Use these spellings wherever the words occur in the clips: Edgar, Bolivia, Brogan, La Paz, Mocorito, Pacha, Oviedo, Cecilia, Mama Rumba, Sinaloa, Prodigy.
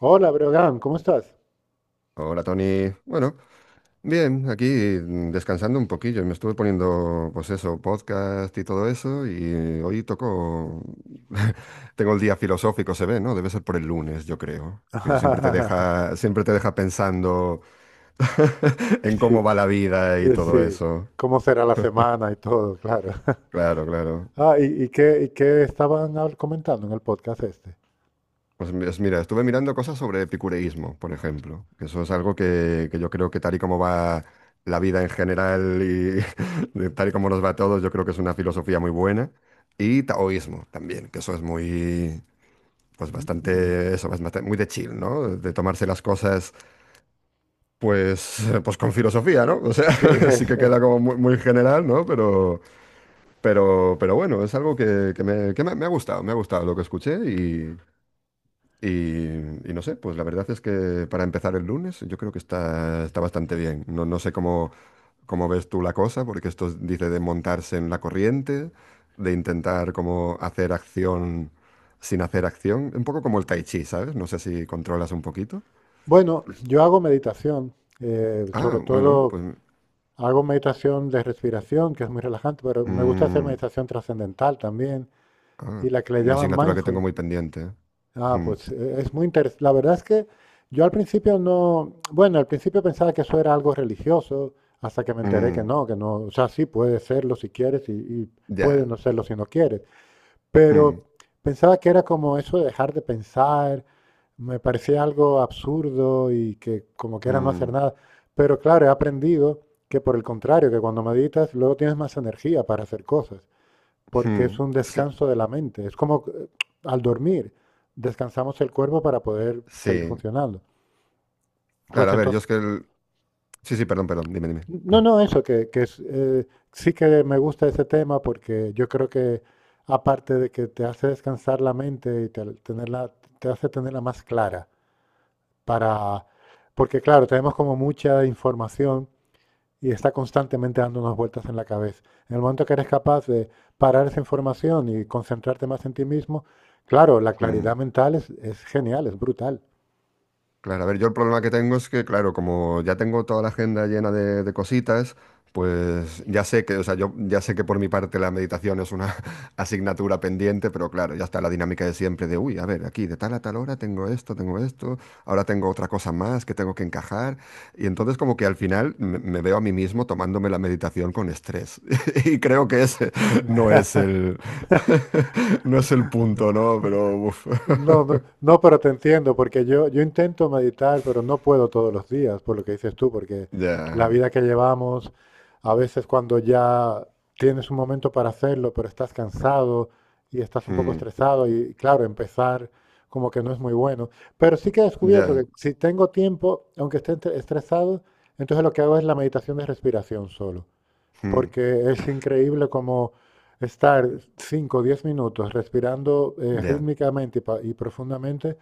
Hola, Brogan, ¿cómo estás? Hola Tony. Bueno, bien, aquí descansando un poquillo. Me estuve poniendo, pues eso, podcast y todo eso. Y hoy toco. Tengo el día filosófico, se ve, ¿no? Debe ser por el lunes, yo creo. Que siempre te deja, siempre te deja pensando en cómo Sí, va la vida y todo sí. eso. ¿Cómo será la semana y todo? Claro. Claro, claro. Ah, ¿y qué estaban comentando en el podcast este? Mira, estuve mirando cosas sobre epicureísmo, por ejemplo, que eso es algo que yo creo que tal y como va la vida en general y de tal y como nos va a todos, yo creo que es una filosofía muy buena. Y taoísmo también, que eso es muy, pues Mm, bastante, eso, es muy de chill, ¿no? De tomarse las cosas, pues, pues con filosofía, ¿no? O sea, sí. sí es- que es. queda como muy, muy general, ¿no? Pero bueno, es algo que me ha gustado, me ha gustado lo que escuché y, y no sé, pues la verdad es que para empezar el lunes yo creo que está bastante bien. No, no sé cómo, cómo ves tú la cosa, porque dice de montarse en la corriente, de intentar como hacer acción sin hacer acción, un poco como el tai chi, ¿sabes? No sé si controlas un poquito. Bueno, yo hago meditación, Ah, sobre bueno, todo pues hago meditación de respiración, que es muy relajante, pero me gusta hacer mm, meditación trascendental también, y ah, la que le una llaman asignatura que mindful. tengo muy pendiente. ¿Eh? Ah, Ujú, pues es muy interesante. La verdad es que yo al principio no, bueno, al principio pensaba que eso era algo religioso, hasta que me enteré mm, que no, o sea, sí puede serlo si quieres y puede ya. no serlo si no quieres. Mm, Pero pensaba que era como eso de dejar de pensar, me parecía algo absurdo y que como que era no hacer mm, nada. Pero claro, he aprendido que por el contrario, que cuando meditas luego tienes más energía para hacer cosas porque es mm, un sí, descanso de la mente. Es como al dormir, descansamos el cuerpo para poder seguir sí. funcionando. Pues Claro, a ver, yo entonces, es que el. Sí, sí, perdón, perdón, dime, dime. no, no, eso, que es, sí que me gusta ese tema porque yo creo que aparte de que te hace descansar la mente y te, tenerla, te hace tenerla más clara para... Porque claro, tenemos como mucha información y está constantemente dando unas vueltas en la cabeza. En el momento que eres capaz de parar esa información y concentrarte más en ti mismo, claro, la Mm. claridad mental es genial, es brutal. Claro, a ver, yo el problema que tengo es que, claro, como ya tengo toda la agenda llena de cositas, pues ya sé que, o sea, yo ya sé que por mi parte la meditación es una asignatura pendiente, pero claro, ya está la dinámica de siempre de, uy, a ver, aquí de tal a tal hora tengo esto, ahora tengo otra cosa más que tengo que encajar, y entonces como que al final me veo a mí mismo tomándome la meditación con estrés, y creo que ese no es el, no es el punto, ¿no? Pero, uf, No, no, no, pero te entiendo, porque yo intento meditar, pero no puedo todos los días, por lo que dices tú, porque la ya. vida que llevamos, a veces cuando ya tienes un momento para hacerlo, pero estás cansado y estás un poco Mm. estresado y claro, empezar como que no es muy bueno. Pero sí que he descubierto Ya. que si tengo tiempo, aunque esté estresado, entonces lo que hago es la meditación de respiración solo. Mm, Porque es increíble como estar 5 o 10 minutos respirando ya, rítmicamente y profundamente,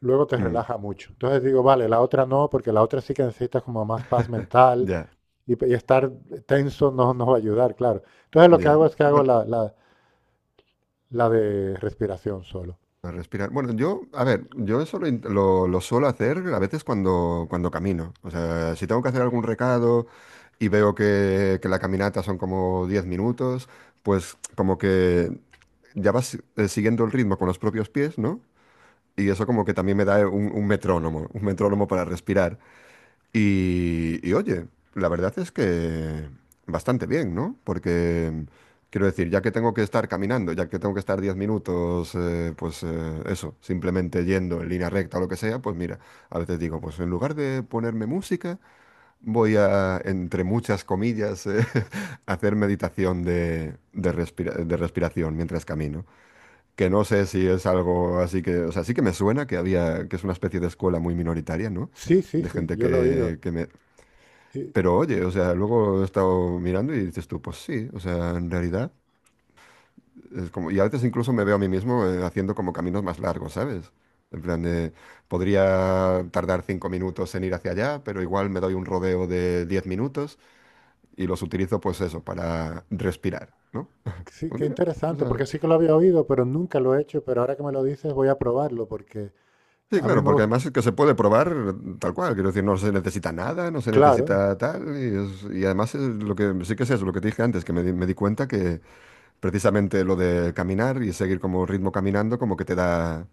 luego te mm, relaja mucho. Entonces digo, vale, la otra no, porque la otra sí que necesitas como más paz mental ya, y estar tenso no nos va a ayudar, claro. Entonces lo que ya. hago es que hago Bueno, la de respiración solo. a respirar. Bueno, yo, a ver, yo eso lo suelo hacer a veces cuando camino. O sea, si tengo que hacer algún recado y veo que la caminata son como 10 minutos, pues como que ya vas siguiendo el ritmo con los propios pies, ¿no? Y eso como que también me da un metrónomo, un metrónomo para respirar. Y oye, la verdad es que bastante bien, ¿no? Porque quiero decir, ya que tengo que estar caminando, ya que tengo que estar 10 minutos, pues eso, simplemente yendo en línea recta o lo que sea, pues mira, a veces digo, pues en lugar de ponerme música, voy a, entre muchas comillas, hacer meditación de respiración mientras camino. Que no sé si es algo así que, o sea, sí que me suena que había, que es una especie de escuela muy minoritaria, ¿no? Sí, sí, De sí, gente yo lo he oído. Y pero oye, o sea, luego he estado mirando y dices tú, pues sí, o sea, en realidad es como, y a veces incluso me veo a mí mismo haciendo como caminos más largos, ¿sabes? En plan de, podría tardar 5 minutos en ir hacia allá, pero igual me doy un rodeo de 10 minutos y los utilizo pues eso, para respirar, ¿no? sí, Pues qué mira, o interesante, sea, porque sí que lo había oído, pero nunca lo he hecho, pero ahora que me lo dices voy a probarlo, porque sí, a mí claro, me porque gusta, además es que se puede probar tal cual, quiero decir, no se necesita nada, no se claro, necesita tal, y además es lo que, sí que es eso, lo que te dije antes, que me di cuenta que precisamente lo de caminar y seguir como ritmo caminando, como que te da,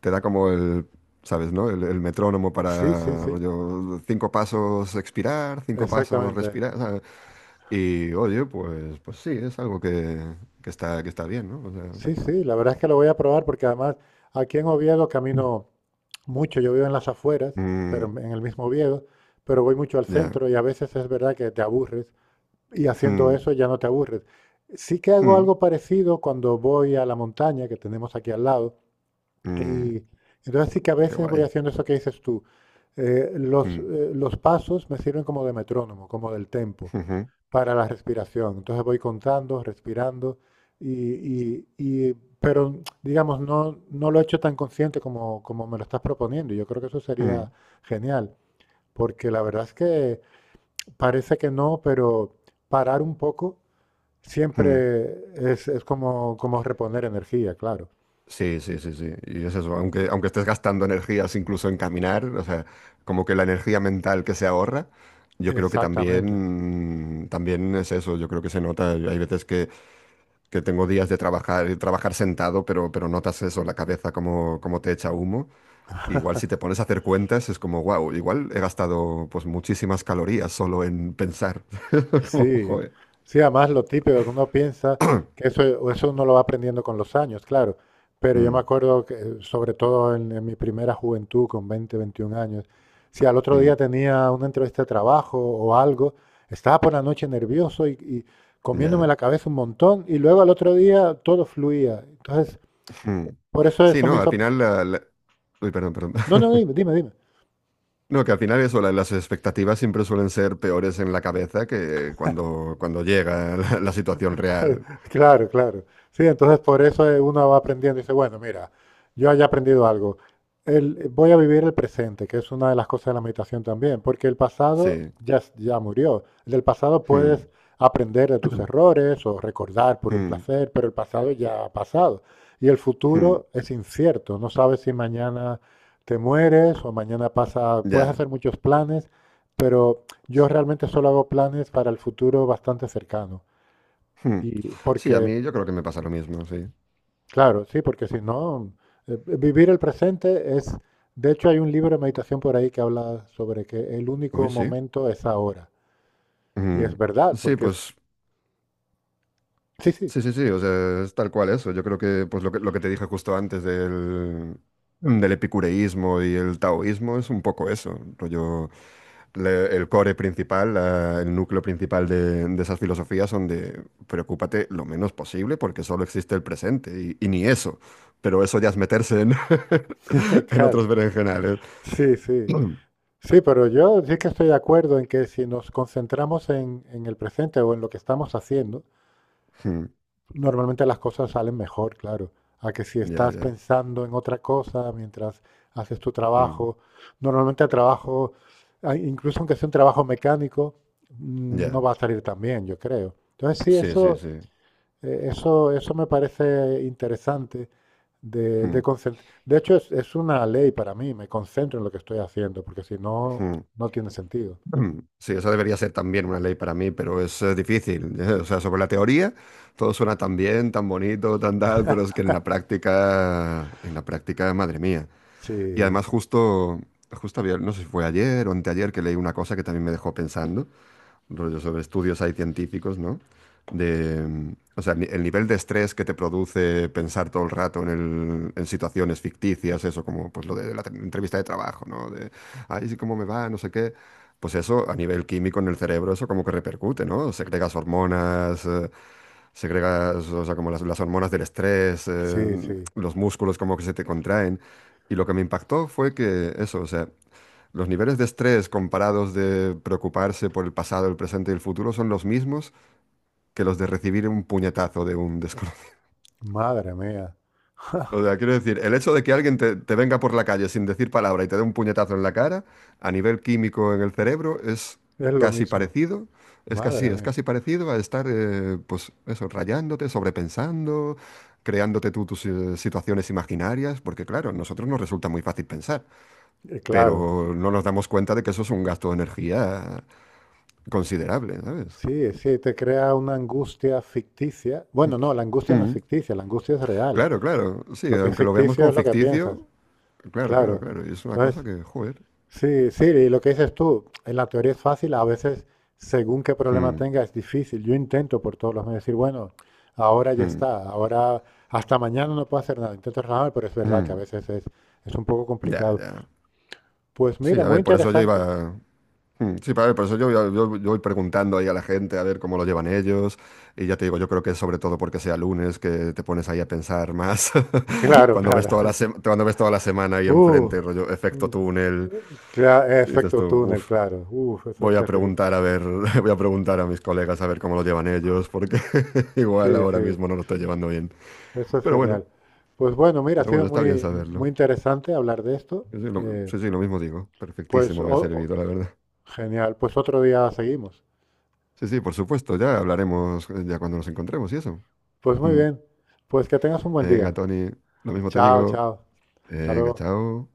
te da como el, ¿sabes, no? El metrónomo sí, sí, para sí. rollo, 5 pasos expirar, 5 pasos Exactamente. respirar. O Y oye, pues sí, es algo que está bien, ¿no? O sea, Sí, sí, la verdad es que lo voy a probar porque además aquí en Oviedo camino mucho. Yo vivo en las afueras, pero mm, en el mismo Oviedo, pero voy mucho al ya. centro y a veces es verdad que te aburres y haciendo Mm, eso ya no te aburres. Sí que hago mm, algo parecido cuando voy a la montaña que tenemos aquí al lado mm, y entonces sí que a qué veces voy guay. haciendo eso que dices tú. Eh, los, Mm, eh, los pasos me sirven como de metrónomo, como del tempo ujú, para la respiración. Entonces voy contando, respirando, y, y- y- pero digamos, no, no lo he hecho tan consciente como me lo estás proponiendo. Y yo creo que eso sería mm, genial, porque la verdad es que parece que no, pero parar un poco mm. siempre es como reponer energía, claro. Sí, sí, sí, sí. Y es eso, aunque estés gastando energías incluso en caminar, o sea, como que la energía mental que se ahorra, yo creo que Exactamente. también, también es eso, yo creo que se nota. Hay veces que tengo días de trabajar, trabajar sentado, pero notas eso, la cabeza como te echa humo. Igual si te pones a hacer cuentas es como, wow, igual he gastado pues muchísimas calorías solo en pensar. Como, Sí, joder. sí, además lo típico que uno piensa que eso, o eso uno lo va aprendiendo con los años, claro. Pero yo me Mm, acuerdo que, sobre todo en mi primera juventud, con 20, 21 años, si al otro mm, día tenía una entrevista de trabajo o algo, estaba por la noche nervioso y comiéndome ya. la cabeza un montón, y luego al otro día todo fluía. Entonces, Mm. por eso Sí, eso me no, al hizo. final. Uy, perdón, perdón. No, no, dime, dime, dime. No, que al final eso, las expectativas siempre suelen ser peores en la cabeza que cuando llega la situación real. Claro, claro. Sí, entonces por eso uno va aprendiendo y dice, bueno, mira, yo haya aprendido algo. Voy a vivir el presente, que es una de las cosas de la meditación también, porque el pasado Sí. ya, ya murió. Del pasado Mm, puedes aprender de tus errores o recordar por un mm, placer, pero el pasado ya ha pasado. Y el mm, futuro es incierto. No sabes si mañana te mueres o mañana pasa. Puedes ya. hacer muchos planes, pero yo realmente solo hago planes para el futuro bastante cercano. Mm. Y Sí, a porque, mí yo creo que me pasa lo mismo, sí. claro, sí, porque si no, vivir el presente es, de hecho hay un libro de meditación por ahí que habla sobre que el único Uy, sí. momento es ahora. Y es Mm. verdad, Sí, porque es, pues sí, sí. sí, sí, sí, o sea, es tal cual eso. Yo creo que pues lo que te dije justo antes del epicureísmo y el taoísmo es un poco eso, rollo, el core principal, el núcleo principal de esas filosofías son de preocúpate lo menos posible porque solo existe el presente y ni eso, pero eso ya es meterse en, en Claro, otros berenjenales. sí, sí. Sí, pero yo sí que estoy de acuerdo en que si nos concentramos en el presente o en lo que estamos haciendo, normalmente las cosas salen mejor, claro, a que si Ya, estás ya. pensando en otra cosa mientras haces tu Mm, trabajo. Normalmente el trabajo, incluso aunque sea un trabajo mecánico, ya, no va a salir tan bien, yo creo. Entonces sí, sí, sí, eso, sí. eh, eso, eso me parece interesante de De hecho, es una ley para mí, me concentro en lo que estoy haciendo, porque si no, Mm, no tiene sentido. mm, sí, esa debería ser también una ley para mí, pero es difícil. ¿Eh? O sea, sobre la teoría, todo suena tan bien, tan bonito, tan tal, pero es que en la práctica, madre mía. Y Sí, además justo, justo había, no sé si fue ayer o anteayer que leí una cosa que también me dejó pensando, rollo sobre estudios hay científicos, ¿no? De, o sea, el nivel de estrés que te produce pensar todo el rato en situaciones ficticias, eso como pues lo de la entrevista de trabajo, ¿no? De, ay, sí, cómo me va, no sé qué. Pues eso, a nivel químico en el cerebro, eso como que repercute, ¿no? Segregas hormonas, segregas, o sea, como las hormonas del estrés, sí, sí. los músculos como que se te contraen. Y lo que me impactó fue que eso, o sea, los niveles de estrés comparados de preocuparse por el pasado, el presente y el futuro son los mismos que los de recibir un puñetazo de un desconocido. Madre mía, O sea, quiero decir, el hecho de que alguien te venga por la calle sin decir palabra y te dé un puñetazo en la cara, a nivel químico en el cerebro, es lo casi mismo. parecido, Madre es mía. casi parecido a estar, pues eso, rayándote, sobrepensando, creándote tú tus situaciones imaginarias, porque claro, a nosotros nos resulta muy fácil pensar, Claro. pero no nos damos cuenta de que eso es un gasto de energía considerable, ¿sabes? Sí, sí, te crea una angustia ficticia. Bueno, no, la angustia no es Mm. ficticia, la angustia es real. Claro, claro, sí, Lo que es aunque lo veamos ficticio como es lo que piensas, ficticio, claro, claro, claro. claro, y es una cosa Entonces, que, joder. sí, sí, y lo que dices tú, en la teoría es fácil, a veces, según qué problema Mm, tenga, es difícil. Yo intento por todos los medios decir, bueno, ahora ya mm, está, ahora hasta mañana no puedo hacer nada. Intento relajarme, pero es verdad que a mm. veces es un poco Ya, complicado. ya. Pues Sí, mira, a muy ver, por eso yo interesante. iba. Mm. Sí, a ver, por eso yo voy preguntando ahí a la gente a ver cómo lo llevan ellos. Y ya te digo, yo creo que es sobre todo porque sea lunes que te pones ahí a pensar más. Claro, Cuando ves claro. toda la sema- cuando ves toda la semana ahí Uh, enfrente, rollo efecto uh. túnel, Cla- eh, y dices efecto tú, túnel, uff, claro. Uf, eso es voy a terrible. preguntar a ver, voy a preguntar a mis colegas a ver cómo lo llevan ellos, porque Sí, igual ahora sí, mismo no lo estoy llevando bien. eso es Pero bueno, genial. Pues bueno, mira, ha pero sido bueno, está bien muy, muy saberlo. interesante hablar de esto. Eh, Sí, sí, lo mismo digo. pues Perfectísimo me ha servido, la verdad. genial, pues otro día seguimos. Sí, sí, por supuesto, ya hablaremos ya cuando nos encontremos y eso. Pues muy Mm. bien, pues que tengas un buen Venga, día. Tony, lo mismo te Chao, digo. chao. Hasta Venga, luego. chao.